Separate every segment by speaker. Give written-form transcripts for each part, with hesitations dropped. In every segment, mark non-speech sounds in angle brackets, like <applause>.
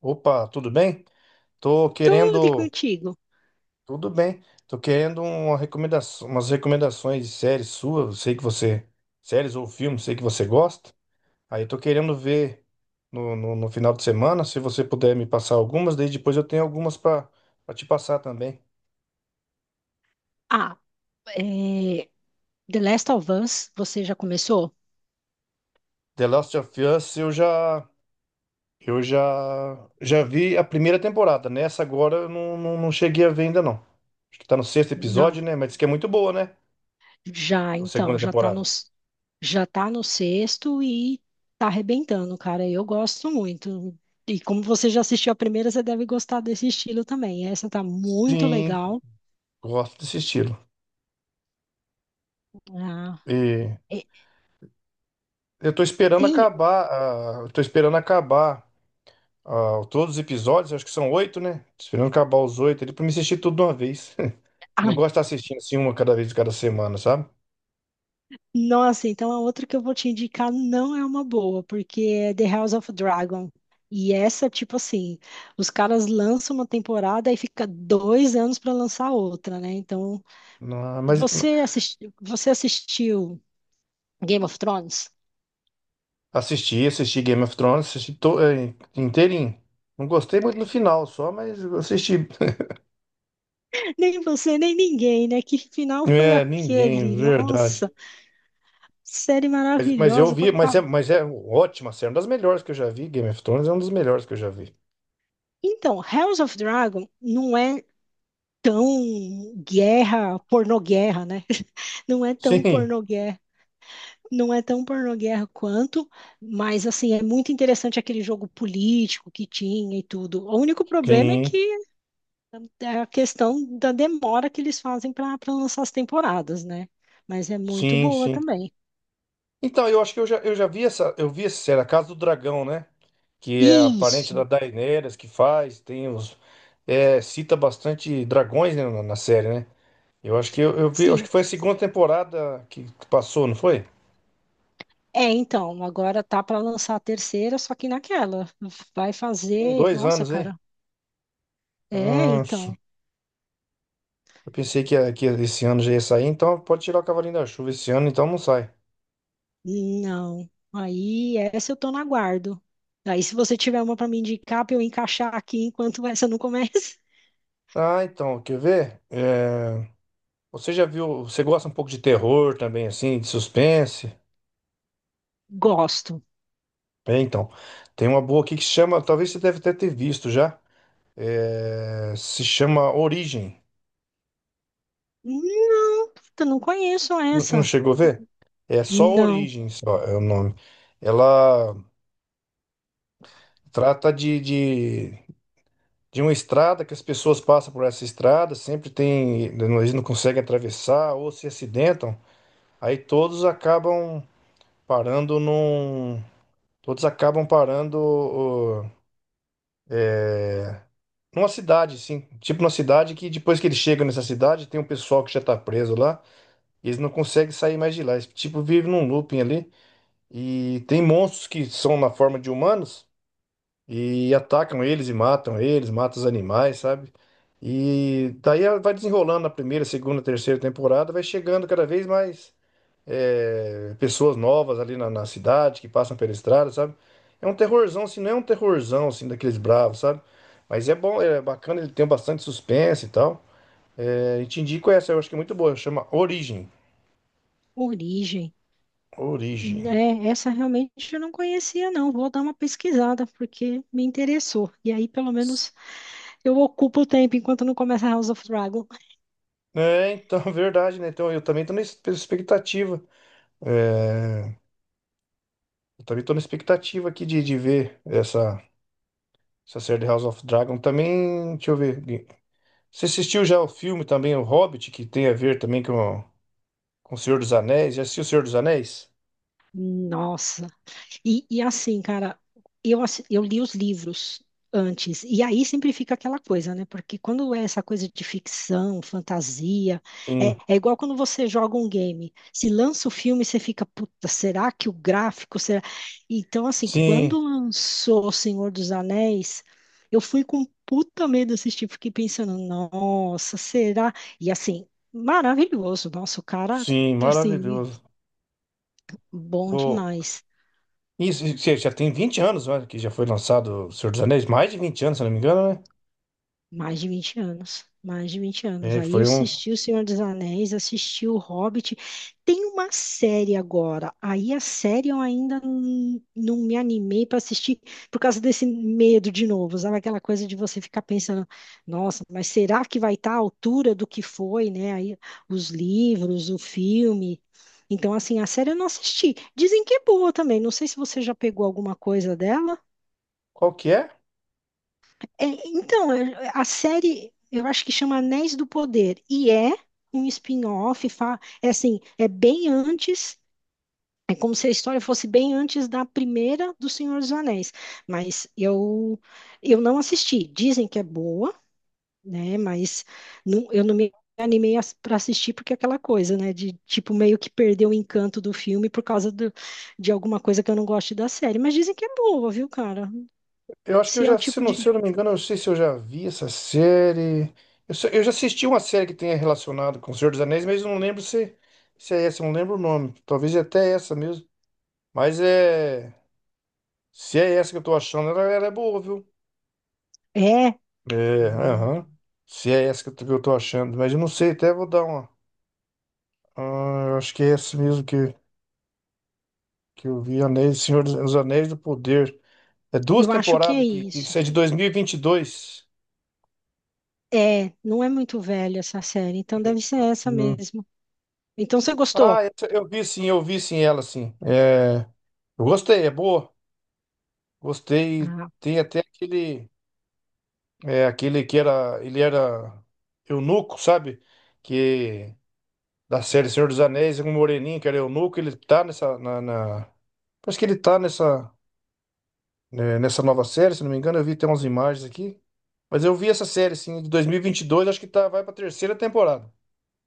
Speaker 1: Opa, tudo bem? Tô
Speaker 2: Tudo e
Speaker 1: querendo,
Speaker 2: contigo.
Speaker 1: tudo bem. Tô querendo uma recomendação, umas recomendações de séries suas. Sei que você, séries ou filmes, sei que você gosta. Aí eu tô querendo ver no final de semana, se você puder me passar algumas, daí depois eu tenho algumas para te passar também.
Speaker 2: Ah, é, The Last of Us, você já começou?
Speaker 1: The Last of Us, eu já vi a primeira temporada, né? Essa agora eu não cheguei a ver ainda não. Acho que tá no sexto
Speaker 2: Não.
Speaker 1: episódio, né? Mas diz que é muito boa, né?
Speaker 2: Já,
Speaker 1: A
Speaker 2: então,
Speaker 1: segunda
Speaker 2: já tá no,
Speaker 1: temporada.
Speaker 2: já tá no sexto e tá arrebentando, cara. Eu gosto muito. E como você já assistiu a primeira, você deve gostar desse estilo também. Essa tá muito
Speaker 1: Sim.
Speaker 2: legal.
Speaker 1: Gosto desse estilo.
Speaker 2: Ah,
Speaker 1: E
Speaker 2: é, tem.
Speaker 1: eu tô esperando acabar todos os episódios, acho que são oito, né? Tô esperando acabar os oito ali pra me assistir tudo de uma vez. <laughs> Não
Speaker 2: Ah,
Speaker 1: gosto de estar assistindo assim uma cada vez, cada semana, sabe?
Speaker 2: nossa, então a outra que eu vou te indicar não é uma boa, porque é The House of Dragon. E essa, tipo assim, os caras lançam uma temporada e fica 2 anos para lançar outra, né? Então,
Speaker 1: Não, mas
Speaker 2: você assistiu Game of Thrones?
Speaker 1: assisti Game of Thrones, assisti inteirinho. Não gostei muito no final só, mas eu assisti. <laughs>
Speaker 2: Nem você, nem ninguém, né? Que final foi
Speaker 1: É, ninguém,
Speaker 2: aquele? Nossa,
Speaker 1: verdade.
Speaker 2: série
Speaker 1: Mas eu
Speaker 2: maravilhosa
Speaker 1: vi,
Speaker 2: pra
Speaker 1: mas
Speaker 2: cá.
Speaker 1: é, mas é ótima série, uma das melhores que eu já vi. Game of Thrones é uma das melhores que eu já vi.
Speaker 2: Então, House of Dragon não é tão guerra, pornoguerra, né? <laughs> Não é tão
Speaker 1: Sim,
Speaker 2: pornoguerra Não é tão pornoguerra quanto, mas assim, é muito interessante aquele jogo político que tinha e tudo. O único problema é que
Speaker 1: sim,
Speaker 2: é a questão da demora que eles fazem para lançar as temporadas, né? Mas é muito
Speaker 1: sim,
Speaker 2: boa
Speaker 1: sim.
Speaker 2: também.
Speaker 1: Então, eu acho que eu vi essa série, A Casa do Dragão, né? Que é a parente da
Speaker 2: Isso,
Speaker 1: Daenerys que faz, cita bastante dragões, né, na série, né? Eu acho que eu acho
Speaker 2: sim.
Speaker 1: que foi a segunda temporada que passou, não foi?
Speaker 2: É, então, agora tá para lançar a terceira, só que naquela. Vai
Speaker 1: Um,
Speaker 2: fazer.
Speaker 1: dois
Speaker 2: Nossa,
Speaker 1: anos, hein?
Speaker 2: cara. É,
Speaker 1: Nossa,
Speaker 2: então.
Speaker 1: eu pensei que esse ano já ia sair, então pode tirar o Cavalinho da Chuva esse ano, então não sai.
Speaker 2: Não. Aí, essa eu tô no aguardo. Aí, se você tiver uma para me indicar, para eu encaixar aqui enquanto essa não começa.
Speaker 1: Ah, então, quer ver? É, você já viu, você gosta um pouco de terror também, assim, de suspense?
Speaker 2: Gosto.
Speaker 1: É, então, tem uma boa aqui que chama, talvez você deve até ter visto já, se chama Origem.
Speaker 2: Não, eu não conheço
Speaker 1: Não
Speaker 2: essa.
Speaker 1: chegou a ver? É só
Speaker 2: Não,
Speaker 1: Origem, só é o nome. Ela trata de uma estrada que as pessoas passam por essa estrada, sempre tem, eles não conseguem atravessar ou se acidentam, aí parando num, todos acabam parando numa cidade, assim, tipo numa cidade que depois que eles chegam nessa cidade, tem um pessoal que já tá preso lá. Eles não conseguem sair mais de lá. Eles, tipo, vivem num looping ali. E tem monstros que são na forma de humanos e atacam eles e matam eles, matam os animais, sabe? E daí ela vai desenrolando na primeira, segunda, terceira temporada, vai chegando cada vez mais pessoas novas ali na cidade, que passam pela estrada, sabe? É um terrorzão, assim, não é um terrorzão, assim, daqueles bravos, sabe? Mas é bom, é bacana, ele tem bastante suspense e tal. É, e te indico essa, eu acho que é muito boa, chama Origem.
Speaker 2: origem.
Speaker 1: Origem.
Speaker 2: É, essa realmente eu não conhecia, não. Vou dar uma pesquisada, porque me interessou. E aí, pelo menos, eu ocupo o tempo enquanto não começa House of Dragon.
Speaker 1: É, então, <laughs> verdade, né? Então, eu também tô na expectativa. É, eu também tô na expectativa aqui de ver essa série de House of Dragon. Também, deixa eu ver. Você assistiu já o filme também, O Hobbit, que tem a ver também com o Senhor dos Anéis? Já assistiu o Senhor dos Anéis?
Speaker 2: Nossa, e assim, cara, eu li os livros antes, e aí sempre fica aquela coisa, né? Porque quando é essa coisa de ficção, fantasia, é,
Speaker 1: Sim,
Speaker 2: é igual quando você joga um game. Se lança o filme, você fica, puta, será que o gráfico será? Então, assim, quando
Speaker 1: sim,
Speaker 2: lançou O Senhor dos Anéis, eu fui com puta medo assistir, fiquei pensando, nossa, será? E assim, maravilhoso, nossa, o cara,
Speaker 1: sim,
Speaker 2: assim,
Speaker 1: maravilhoso.
Speaker 2: bom
Speaker 1: O,
Speaker 2: demais.
Speaker 1: isso, já tem 20 anos, né, que já foi lançado o Senhor dos Anéis, mais de 20 anos, se não me engano, né?
Speaker 2: Mais de 20 anos, mais de 20 anos.
Speaker 1: É, que
Speaker 2: Aí eu
Speaker 1: foi um.
Speaker 2: assisti O Senhor dos Anéis, assisti O Hobbit. Tem uma série agora. Aí a série eu ainda não me animei para assistir por causa desse medo de novo, sabe? Aquela coisa de você ficar pensando, nossa, mas será que vai estar à altura do que foi, né? Aí os livros, o filme. Então, assim, a série eu não assisti. Dizem que é boa também. Não sei se você já pegou alguma coisa dela.
Speaker 1: Qual que é?
Speaker 2: É, então, a série, eu acho que chama Anéis do Poder, e é um spin-off, é assim, é bem antes, é como se a história fosse bem antes da primeira do Senhor dos Anéis, mas eu não assisti, dizem que é boa, né, mas eu não me animei para assistir porque é aquela coisa, né, de tipo meio que perder o encanto do filme por causa de alguma coisa que eu não gosto da série, mas dizem que é boa, viu, cara?
Speaker 1: Eu acho que eu
Speaker 2: Se é o
Speaker 1: já,
Speaker 2: tipo
Speaker 1: se
Speaker 2: de...
Speaker 1: eu não me engano, eu não sei se eu já vi essa série. Eu já assisti uma série que tenha relacionado com o Senhor dos Anéis, mas eu não lembro se é essa, eu não lembro o nome. Talvez é até essa mesmo. Mas é. Se é essa que eu tô achando, ela é boa, viu?
Speaker 2: É,
Speaker 1: É, aham. Se é essa que que eu tô achando, mas eu não sei, até vou dar uma. Ah, eu acho que é essa mesmo que eu vi, Senhor dos os Anéis do Poder. É duas
Speaker 2: eu acho que é
Speaker 1: temporadas que
Speaker 2: isso.
Speaker 1: isso é de 2022.
Speaker 2: É, não é muito velha essa série, então deve ser essa mesmo. Então você
Speaker 1: Ah,
Speaker 2: gostou?
Speaker 1: essa eu vi sim, ela sim. É, eu gostei, é boa. Gostei.
Speaker 2: Ah,
Speaker 1: Tem até aquele ele era eunuco, sabe? Que da série Senhor dos Anéis, um moreninho que era eunuco, ele tá nessa. Parece que ele tá né, nessa nova série, se não me engano. Eu vi até umas imagens aqui. Mas eu vi essa série sim, de dois mil e vinte e dois, acho que tá, vai pra terceira temporada.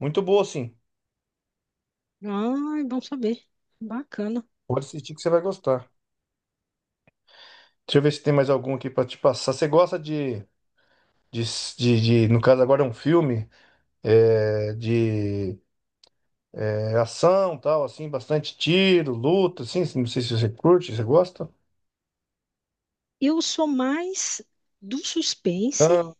Speaker 1: Muito boa sim.
Speaker 2: ah, é bom saber. Bacana.
Speaker 1: Pode assistir que você vai gostar. Deixa eu ver se tem mais algum aqui pra te passar. Você gosta de, no caso agora é um filme de ação tal assim bastante tiro luta assim não sei se você curte você gosta.
Speaker 2: Eu sou mais do suspense,
Speaker 1: Ah,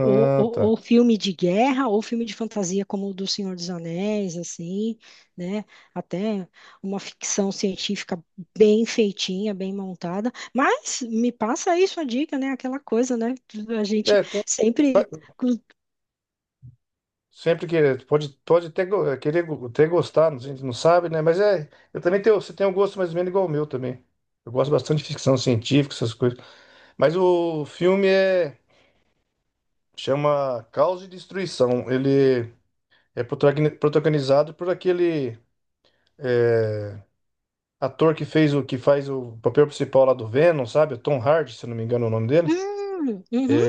Speaker 2: ou, ou-
Speaker 1: tá.
Speaker 2: ou filme de guerra, ou filme de fantasia, como o do Senhor dos Anéis, assim, né? Até uma ficção científica bem feitinha, bem montada. Mas me passa aí sua dica, né? Aquela coisa, né? A gente
Speaker 1: é tem pa-
Speaker 2: sempre.
Speaker 1: sempre que pode até querer até gostar, a gente não sabe, né, mas é eu também tenho você tem um gosto mais ou menos igual ao meu também. Eu gosto bastante de ficção científica, essas coisas, mas o filme chama Caos e Destruição. Ele é protagonizado por aquele, é, ator que fez o que faz o papel principal lá do Venom, sabe? O Tom Hardy, se eu não me engano é o nome dele.
Speaker 2: Uhum.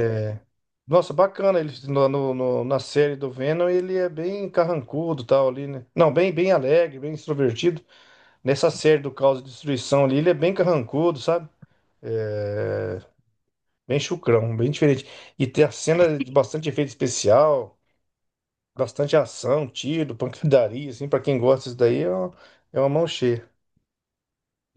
Speaker 1: Nossa, bacana ele na série do Venom, ele é bem carrancudo, e tal ali, né? Não, bem bem alegre, bem extrovertido. Nessa série do Caos e Destruição ali, ele é bem carrancudo, sabe? É, bem chucrão, bem diferente. E tem a cena de bastante efeito especial, bastante ação, tiro, pancadaria, assim, pra quem gosta disso daí, é uma mão cheia.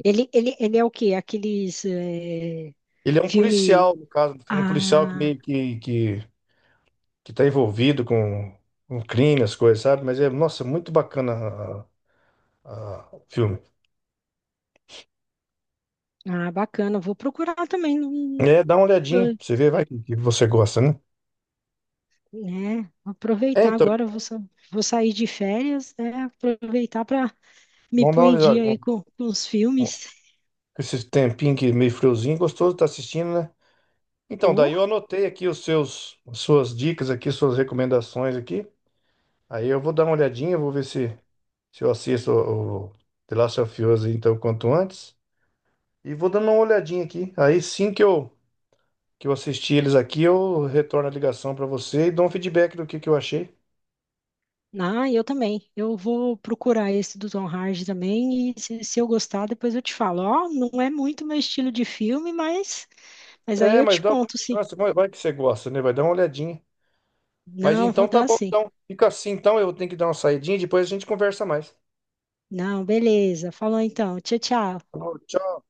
Speaker 2: Ele é o quê? Aqueles
Speaker 1: Ele é um
Speaker 2: filme.
Speaker 1: policial, no caso, um policial que
Speaker 2: Ah,
Speaker 1: meio que tá envolvido com crime, as coisas, sabe? Mas é, nossa, muito bacana o filme.
Speaker 2: ah, bacana. Vou procurar também,
Speaker 1: É, dá uma olhadinha, pra
Speaker 2: não-
Speaker 1: você vê, vai que você gosta, né?
Speaker 2: né?
Speaker 1: É,
Speaker 2: Aproveitar
Speaker 1: então,
Speaker 2: agora. Eu vou sair de férias, né? Aproveitar para me
Speaker 1: vamos dar
Speaker 2: pôr
Speaker 1: uma
Speaker 2: em dia
Speaker 1: olhada.
Speaker 2: aí com os
Speaker 1: um- um-
Speaker 2: filmes.
Speaker 1: Esse tempinho que meio friozinho, gostoso, tá assistindo, né? Então,
Speaker 2: Ou,
Speaker 1: daí eu anotei aqui os seus, as suas dicas aqui, suas recomendações aqui. Aí eu vou dar uma olhadinha, vou ver se eu assisto o The Last of Us, então, quanto antes. E vou dando uma olhadinha aqui. Aí sim que eu assisti eles aqui, eu retorno a ligação pra você e dou um feedback do que eu achei.
Speaker 2: ah, eu também. Eu vou procurar esse do Tom Hardy também. E se eu gostar, depois eu te falo. Ó, não é muito meu estilo de filme, mas aí
Speaker 1: É,
Speaker 2: eu
Speaker 1: mas
Speaker 2: te
Speaker 1: dá uma
Speaker 2: conto, sim.
Speaker 1: chance, vai que você gosta, né? Vai dar uma olhadinha. Mas
Speaker 2: Não, vou
Speaker 1: então tá
Speaker 2: dar
Speaker 1: bom,
Speaker 2: sim.
Speaker 1: então. Fica assim, então eu tenho que dar uma saidinha e depois a gente conversa mais.
Speaker 2: Não, beleza. Falou então. Tchau, tchau.
Speaker 1: Tá bom, tchau.